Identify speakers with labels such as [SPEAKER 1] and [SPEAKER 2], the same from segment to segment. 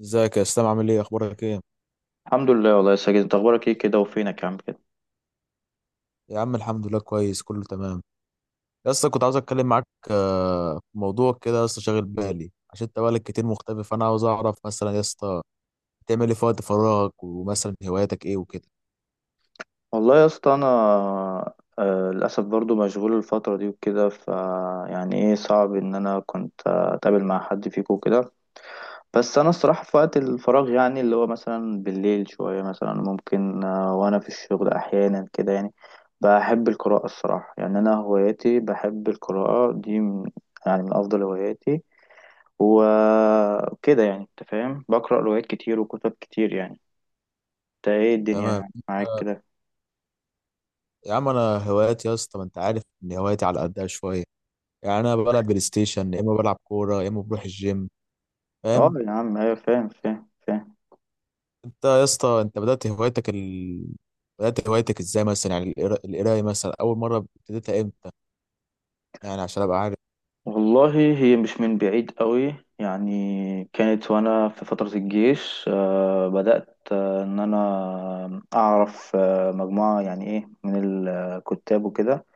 [SPEAKER 1] ازيك يا اسلام، عامل ايه؟ اخبارك ايه؟
[SPEAKER 2] الحمد لله والله يا ساجد انت اخبارك ايه كده وفينك يا عم كده.
[SPEAKER 1] يا عم الحمد لله كويس، كله تمام. يا اسطى كنت عاوز اتكلم معاك. في موضوع كده يا اسطى شاغل بالي، عشان انت بقالك كتير مختفي، فانا عاوز اعرف مثلا يا اسطى بتعمل ايه في وقت فراغك، ومثلا هواياتك ايه وكده.
[SPEAKER 2] والله يا اسطى انا، للاسف برضو مشغول الفتره دي وكده. يعني صعب ان انا كنت اتقابل مع حد فيكم وكده. بس انا الصراحه في وقت الفراغ يعني اللي هو مثلا بالليل شويه مثلا ممكن، وانا في الشغل احيانا كده يعني بحب القراءه الصراحه. يعني انا هواياتي بحب القراءه دي من، يعني من افضل هواياتي وكده. يعني انت فاهم، بقرا روايات كتير وكتب كتير يعني. انت ايه
[SPEAKER 1] تمام.
[SPEAKER 2] الدنيا معاك
[SPEAKER 1] آه،
[SPEAKER 2] كده؟
[SPEAKER 1] يا عم انا هواياتي يا اسطى، ما انت عارف ان هواياتي على قدها شويه. يعني انا بلعب بلاي ستيشن، يا اما بلعب كوره، يا اما بروح الجيم.
[SPEAKER 2] اه
[SPEAKER 1] فاهم.
[SPEAKER 2] يا عم، ايوه فاهم فاهم.
[SPEAKER 1] انت يا اسطى، انت بدأت هوايتك بدأت هوايتك ازاي مثلا؟ يعني القرايه مثلا اول مره ابتديتها امتى؟ يعني عشان ابقى عارف.
[SPEAKER 2] والله هي مش من بعيد قوي، يعني كانت وانا في فترة الجيش بدأت ان انا اعرف مجموعة يعني ايه من الكتاب وكده.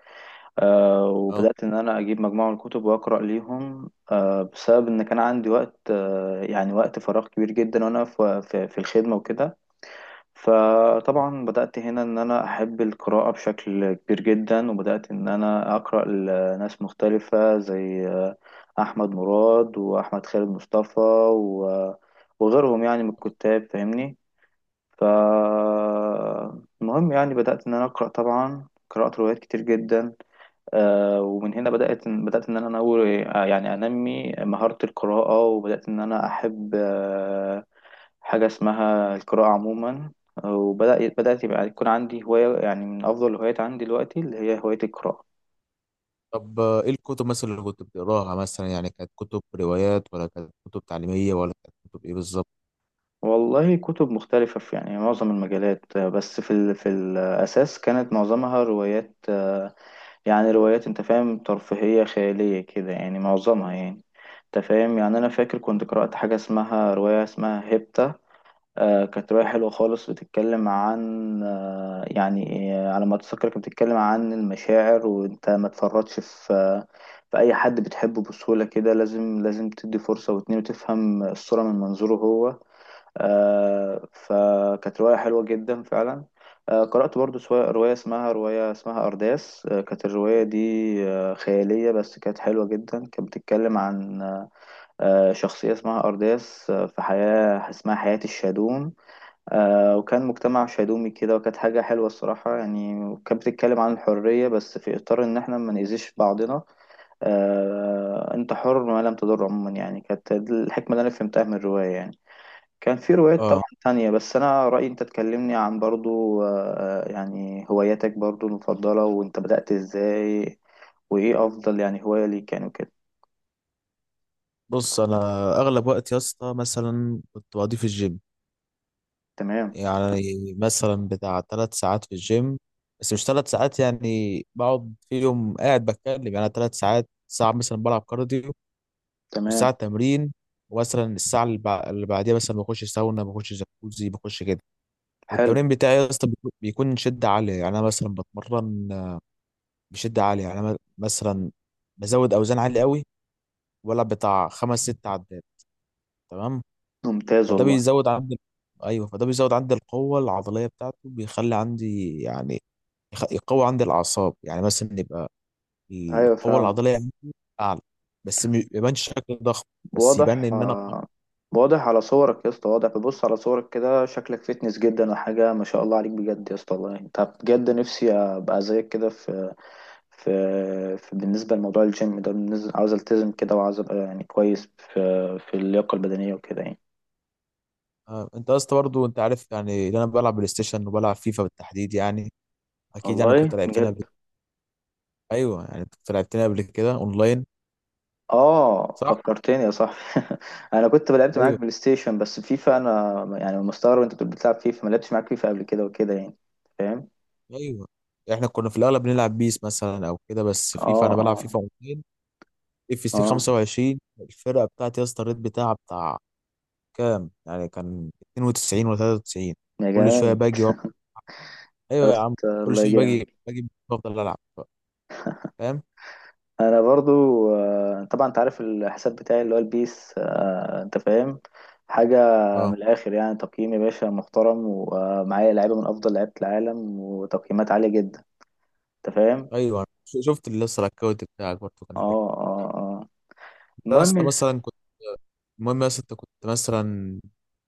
[SPEAKER 1] اه.
[SPEAKER 2] وبدأت ان انا اجيب مجموعة من الكتب واقرأ ليهم، بسبب ان كان عندي وقت يعني وقت فراغ كبير جدا وانا في الخدمة وكده. فطبعا بدأت هنا إن أنا أحب القراءة بشكل كبير جدا، وبدأت إن أنا أقرأ لناس مختلفة زي أحمد مراد وأحمد خالد مصطفى و- وغيرهم يعني من الكتاب فاهمني. فالمهم يعني بدأت إن أنا أقرأ، طبعا قرأت روايات كتير جدا، ومن هنا بدأت إن أنا أنوي يعني أنمي مهارة القراءة، وبدأت إن أنا أحب حاجة اسمها القراءة عموما. وبدأ بدأت يبقى يكون عندي هواية، يعني من أفضل الهوايات عندي دلوقتي اللي هي هواية القراءة.
[SPEAKER 1] طب ايه الكتب مثلا اللي كنت بتقراها؟ مثلا يعني كانت كتب روايات، ولا كانت كتب تعليمية، ولا كانت كتب ايه بالظبط؟
[SPEAKER 2] والله كتب مختلفة في يعني معظم المجالات، بس في الأساس كانت معظمها روايات، يعني روايات أنت فاهم، ترفيهية خيالية كده يعني معظمها يعني. أنت فاهم، يعني أنا فاكر كنت قرأت حاجة اسمها رواية اسمها هيبتا. كانت رواية حلوة خالص، بتتكلم عن على ما أتذكر كانت بتتكلم عن المشاعر، وأنت ما تفرطش في في أي حد بتحبه بسهولة كده، لازم تدي فرصة واتنين وتفهم الصورة من منظوره هو. فكانت رواية حلوة جدا فعلا. قرأت برضو رواية اسمها أرداس. كانت الرواية دي خيالية، بس كانت حلوة جدا. كانت بتتكلم عن شخصية اسمها أرداس في حياة اسمها حياة الشادون، وكان مجتمع شيدومي كده، وكانت حاجة حلوة الصراحة يعني. وكانت بتتكلم عن الحرية، بس في إطار إن إحنا ما نأذيش بعضنا. أنت حر ما لم تضر عموما. يعني كانت دي الحكمة اللي أنا فهمتها من الرواية يعني. كان في روايات طبعا
[SPEAKER 1] اه،
[SPEAKER 2] تانية. بس أنا رأيي أنت تكلمني عن برضو يعني هواياتك برضو المفضلة، وأنت بدأت إزاي، وإيه أفضل يعني هواية ليك يعني وكده.
[SPEAKER 1] بص انا اغلب وقت يا اسطى مثلا كنت بقضيه في الجيم.
[SPEAKER 2] تمام.
[SPEAKER 1] يعني مثلا بتاع ثلاث ساعات في الجيم، بس مش ثلاث ساعات يعني بقعد فيهم قاعد بتكلم. يعني ثلاث ساعات، ساعة مثلا بلعب كارديو، وساعة
[SPEAKER 2] تمام.
[SPEAKER 1] تمرين، ومثلا الساعة اللي بعديها مثلا بخش ساونا، بخش جاكوزي، بخش كده.
[SPEAKER 2] حلو.
[SPEAKER 1] والتمرين بتاعي يا اسطى بيكون شدة عالية. يعني انا مثلا بتمرن بشده عاليه. يعني انا مثلا بزود اوزان عاليه قوي، ولا بتاع خمس ست عدات. تمام.
[SPEAKER 2] ممتاز
[SPEAKER 1] فده
[SPEAKER 2] والله.
[SPEAKER 1] بيزود عندي، ايوه فده بيزود عندي القوه العضليه بتاعته، بيخلي عندي يعني يقوي عندي الاعصاب. يعني مثلا يبقى
[SPEAKER 2] أيوة
[SPEAKER 1] القوه
[SPEAKER 2] فعلا.
[SPEAKER 1] العضليه عندي اعلى، بس ما يبانش شكل ضخم، بس يبان
[SPEAKER 2] واضح،
[SPEAKER 1] ان انا قوي.
[SPEAKER 2] واضح على صورك يا اسطى، واضح. ببص على صورك كده شكلك فيتنس جدا وحاجة، ما شاء الله عليك بجد يا اسطى، والله انت بجد نفسي ابقى زيك كده في، في بالنسبة لموضوع الجيم ده. عاوز التزم كده، وعاوز ابقى يعني كويس في في اللياقة البدنية وكده يعني.
[SPEAKER 1] انت اصلا برضو انت عارف يعني إن انا بلعب بلاي ستيشن وبلعب فيفا بالتحديد يعني. اكيد يعني كنت
[SPEAKER 2] والله
[SPEAKER 1] لعبتنا
[SPEAKER 2] بجد.
[SPEAKER 1] قبل. ايوه يعني كنت لعبتنا قبل كده اونلاين.
[SPEAKER 2] اه
[SPEAKER 1] صح.
[SPEAKER 2] فكرتني يا صاحبي. انا كنت لعبت معاك
[SPEAKER 1] ايوه.
[SPEAKER 2] بلاي ستيشن، بس فيفا انا يعني مستغرب انت بتقول بتلعب فيفا، ما لعبتش معاك فيفا قبل كده وكده يعني. فاهم.
[SPEAKER 1] ايوه. احنا كنا في الاغلب بنلعب بيس مثلا او كده، بس فيفا
[SPEAKER 2] اه
[SPEAKER 1] انا بلعب
[SPEAKER 2] اه
[SPEAKER 1] فيفا 200 اف سي
[SPEAKER 2] اه.
[SPEAKER 1] 25. الفرقه بتاعتي يا اسطى الريت بتاعها بتاع كام؟ يعني كان 92 ولا 93.
[SPEAKER 2] يا
[SPEAKER 1] كل شويه
[SPEAKER 2] جمال.
[SPEAKER 1] باجي
[SPEAKER 2] يا
[SPEAKER 1] ايوه يا عم،
[SPEAKER 2] اسطى
[SPEAKER 1] كل
[SPEAKER 2] الله
[SPEAKER 1] شويه باجي
[SPEAKER 2] جامد.
[SPEAKER 1] باجي بفضل العب. فاهم.
[SPEAKER 2] انا برضو، طبعا انت عارف الحساب بتاعي اللي هو البيس، انت فاهم حاجة من
[SPEAKER 1] اه.
[SPEAKER 2] الاخر، يعني تقييم يا باشا محترم، ومعايا لعيبة من افضل لعيبة العالم وتقييمات عالية جدا. انت فاهم.
[SPEAKER 1] ايوه شفت اللي لسه الاكونت بتاعك برضه كان حلو.
[SPEAKER 2] اه اه اه.
[SPEAKER 1] انت يا
[SPEAKER 2] المهم،
[SPEAKER 1] اسطى مثلا كنت، المهم يا اسطى انت كنت مثلا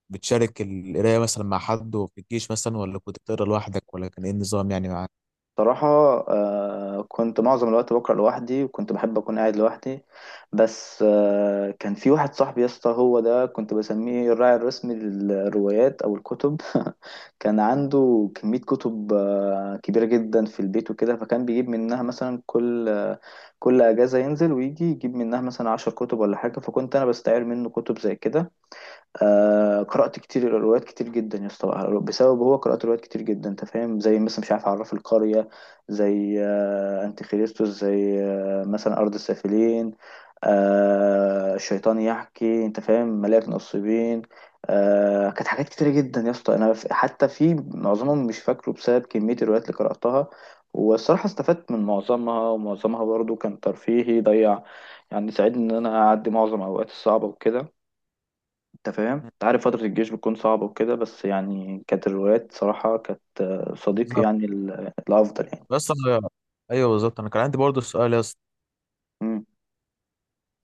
[SPEAKER 1] بتشارك القرايه مثلا مع حد في الجيش، مثلا ولا كنت بتقرا لوحدك، ولا كان ايه النظام يعني معاك؟
[SPEAKER 2] صراحة كنت معظم الوقت بقرأ لوحدي، وكنت بحب أكون قاعد لوحدي. بس كان في واحد صاحبي يا اسطى، هو ده كنت بسميه الراعي الرسمي للروايات أو الكتب. كان عنده كمية كتب كبيرة جدا في البيت وكده، فكان بيجيب منها مثلا كل كل أجازة ينزل ويجي يجيب منها مثلا عشر كتب ولا حاجة، فكنت أنا بستعير منه كتب زي كده. قرأت كتير، روايات كتير جدا يا اسطى بسبب هو قرأت روايات كتير جدا انت فاهم، زي مثلا مش عارف عراف القرية، زي انتي خريستوس، زي مثلا أرض السافلين، الشيطان يحكي، انت فاهم، ملاك نصيبين. كانت حاجات كتيرة جدا يا اسطى انا حتى في معظمهم مش فاكره بسبب كمية الروايات اللي قرأتها. والصراحة استفدت من معظمها، ومعظمها برضو كان ترفيهي ضيع، يعني ساعدني ان انا اعدي معظم اوقاتي الصعبة وكده. انت فاهم، انت عارف فترة الجيش بتكون صعبة وكده، بس يعني كانت الروايات صراحة كانت صديقي يعني الأفضل يعني.
[SPEAKER 1] بس انا، ايوه بالظبط انا كان عندي برضه سؤال يا اسطى.
[SPEAKER 2] مم.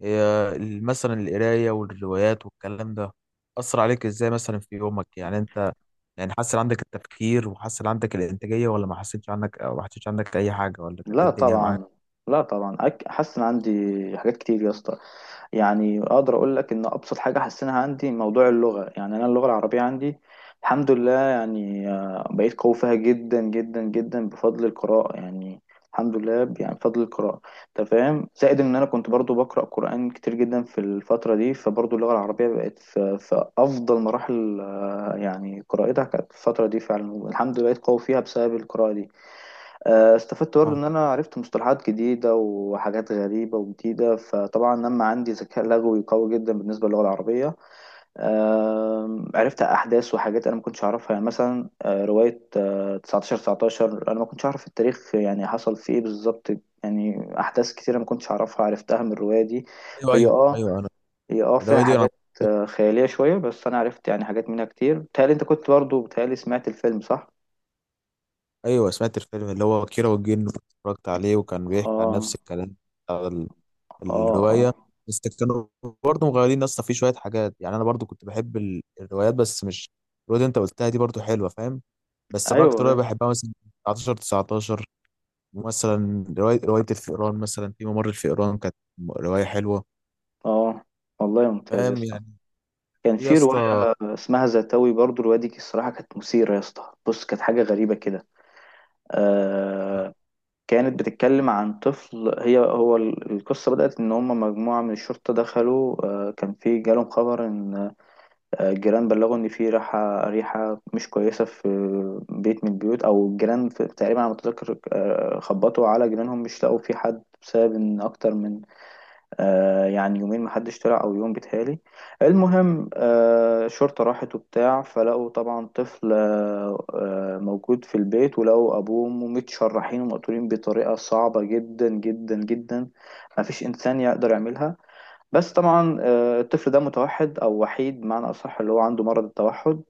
[SPEAKER 1] هي مثلا القرايه والروايات والكلام ده اثر عليك ازاي مثلا في يومك؟ يعني انت يعني حسن عندك التفكير وحسن عندك الانتاجيه، ولا ما حسيتش عندك، أو ما حسيتش عندك اي حاجه، ولا كانت إيه
[SPEAKER 2] لا
[SPEAKER 1] الدنيا معاك؟
[SPEAKER 2] طبعا. لا طبعا، حاسس إن عندي حاجات كتير يا اسطى. يعني اقدر اقول لك ان ابسط حاجه حسنها عندي موضوع اللغه، يعني انا اللغه العربيه عندي الحمد لله، يعني بقيت قوي فيها جدا جدا جدا بفضل القراءه. يعني الحمد لله يعني بفضل القراءه. انت فاهم، زائد ان انا كنت برضو بقرا قران كتير جدا في الفتره دي، فبرضو اللغه العربيه بقت في افضل مراحل يعني قراءتها كانت في الفتره دي. فعلا الحمد لله بقيت قوي فيها بسبب القراءه دي. استفدت برضه
[SPEAKER 1] آه.
[SPEAKER 2] ان انا عرفت مصطلحات جديده وحاجات غريبه وجديده، فطبعا لما عندي ذكاء لغوي قوي جدا بالنسبه للغه العربيه. عرفت احداث وحاجات انا ما كنتش اعرفها، يعني مثلا روايه 1919 انا ما كنتش اعرف التاريخ يعني حصل فيه ايه بالظبط. يعني احداث كتيره ما كنتش اعرفها، عرفتها من الروايه دي.
[SPEAKER 1] ايوه،
[SPEAKER 2] هي
[SPEAKER 1] ايوه،
[SPEAKER 2] اه
[SPEAKER 1] ايوه انا،
[SPEAKER 2] هي فيها
[SPEAKER 1] الروايه دي انا،
[SPEAKER 2] حاجات خياليه شويه، بس انا عرفت يعني حاجات منها كتير. بتهيألي انت كنت برضه، بتهيألي سمعت الفيلم صح؟
[SPEAKER 1] ايوه سمعت الفيلم اللي هو كيرة والجن، اتفرجت عليه وكان بيحكي عن
[SPEAKER 2] اه
[SPEAKER 1] نفس الكلام بتاع
[SPEAKER 2] اه
[SPEAKER 1] الرواية.
[SPEAKER 2] اه.
[SPEAKER 1] بس كانوا برضه مغيرين اصلا في شوية حاجات. يعني انا برضه كنت بحب الروايات، بس مش الرواية اللي انت قلتها دي، برضه حلوة. فاهم. بس انا اكتر رواية
[SPEAKER 2] ايوه.
[SPEAKER 1] بحبها مثلا 19 19، مثلا رواية الفئران، مثلا في ممر الفئران، كانت رواية حلوة.
[SPEAKER 2] اه. والله ممتاز يا
[SPEAKER 1] فاهم
[SPEAKER 2] اسطى.
[SPEAKER 1] يعني.
[SPEAKER 2] كان
[SPEAKER 1] في يا
[SPEAKER 2] في رواية
[SPEAKER 1] اسطى،
[SPEAKER 2] اسمها زتاوي، برضو الرواية دي الصراحة كانت مثيرة يا اسطى. بص كانت حاجة غريبة كده. آه كانت بتتكلم عن طفل، هي هو القصة بدأت إن هم مجموعة من الشرطة دخلوا، كان في جالهم خبر إن الجيران بلغوا إن في ريحة مش كويسة في بيت من البيوت أو الجيران في، تقريبا على ما أتذكر خبطوا على جيرانهم مش لقوا في حد، بسبب إن أكتر من يعني يومين محدش طلع، او يوم بيتهيألي. المهم الشرطة راحت وبتاع، فلقوا طبعا طفل موجود في البيت، ولقوا ابوه وامه متشرحين ومقتولين بطريقة صعبة جدا جدا جدا، مفيش انسان يقدر يعملها. بس طبعا الطفل ده متوحد، او وحيد بمعنى اصح، اللي هو عنده مرض التوحد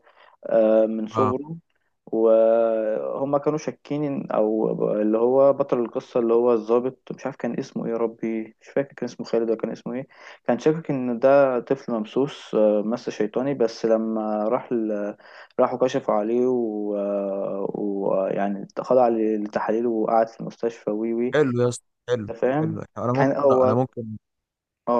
[SPEAKER 2] من
[SPEAKER 1] آه،
[SPEAKER 2] صغره. وهم كانوا شاكين اللي هو بطل القصه اللي هو الضابط، مش عارف كان اسمه ايه يا ربي، مش فاكر كان اسمه خالد ولا كان اسمه ايه، كان شاكك ان ده طفل ممسوس، مس شيطاني. بس لما راحوا كشفوا عليه، يعني خضع للتحاليل وقعد في المستشفى وي وي
[SPEAKER 1] حلو يا اسطى، حلو.
[SPEAKER 2] انت فاهم،
[SPEAKER 1] حلو. انا
[SPEAKER 2] كان
[SPEAKER 1] ممكن انا
[SPEAKER 2] هو،
[SPEAKER 1] ممكن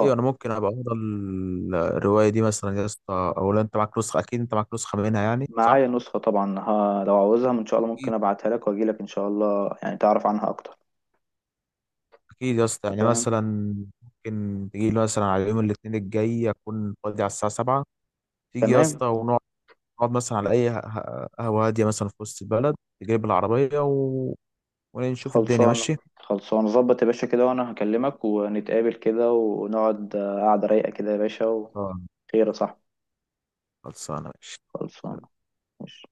[SPEAKER 1] ايوه انا ممكن ابقى اقرا الرواية دي مثلا يا اسطى. او لو انت معاك نسخة، اكيد انت معاك نسخة منها يعني، صح؟
[SPEAKER 2] معايا نسخه طبعا، ها لو عاوزها ان شاء الله ممكن ابعتها لك واجي لك ان شاء الله يعني تعرف عنها اكتر.
[SPEAKER 1] اكيد يا اسطى، يعني
[SPEAKER 2] تمام.
[SPEAKER 1] مثلا ممكن تيجي لي مثلا على يوم الاثنين الجاي، اكون فاضي على الساعه 7، تيجي يا
[SPEAKER 2] تمام.
[SPEAKER 1] اسطى ونقعد، نقعد مثلا على اي قهوه هاديه مثلا في وسط البلد، تجيب العربيه و... ونشوف الدنيا،
[SPEAKER 2] خلصانة،
[SPEAKER 1] ماشي؟
[SPEAKER 2] خلصانة، ظبط يا باشا كده. وانا هكلمك ونتقابل كده ونقعد قعدة رايقة كده يا باشا،
[SPEAKER 1] آه.
[SPEAKER 2] وخير يا صاحبي.
[SPEAKER 1] خلصانه، ماشي.
[SPEAKER 2] خلصانة. ماشي.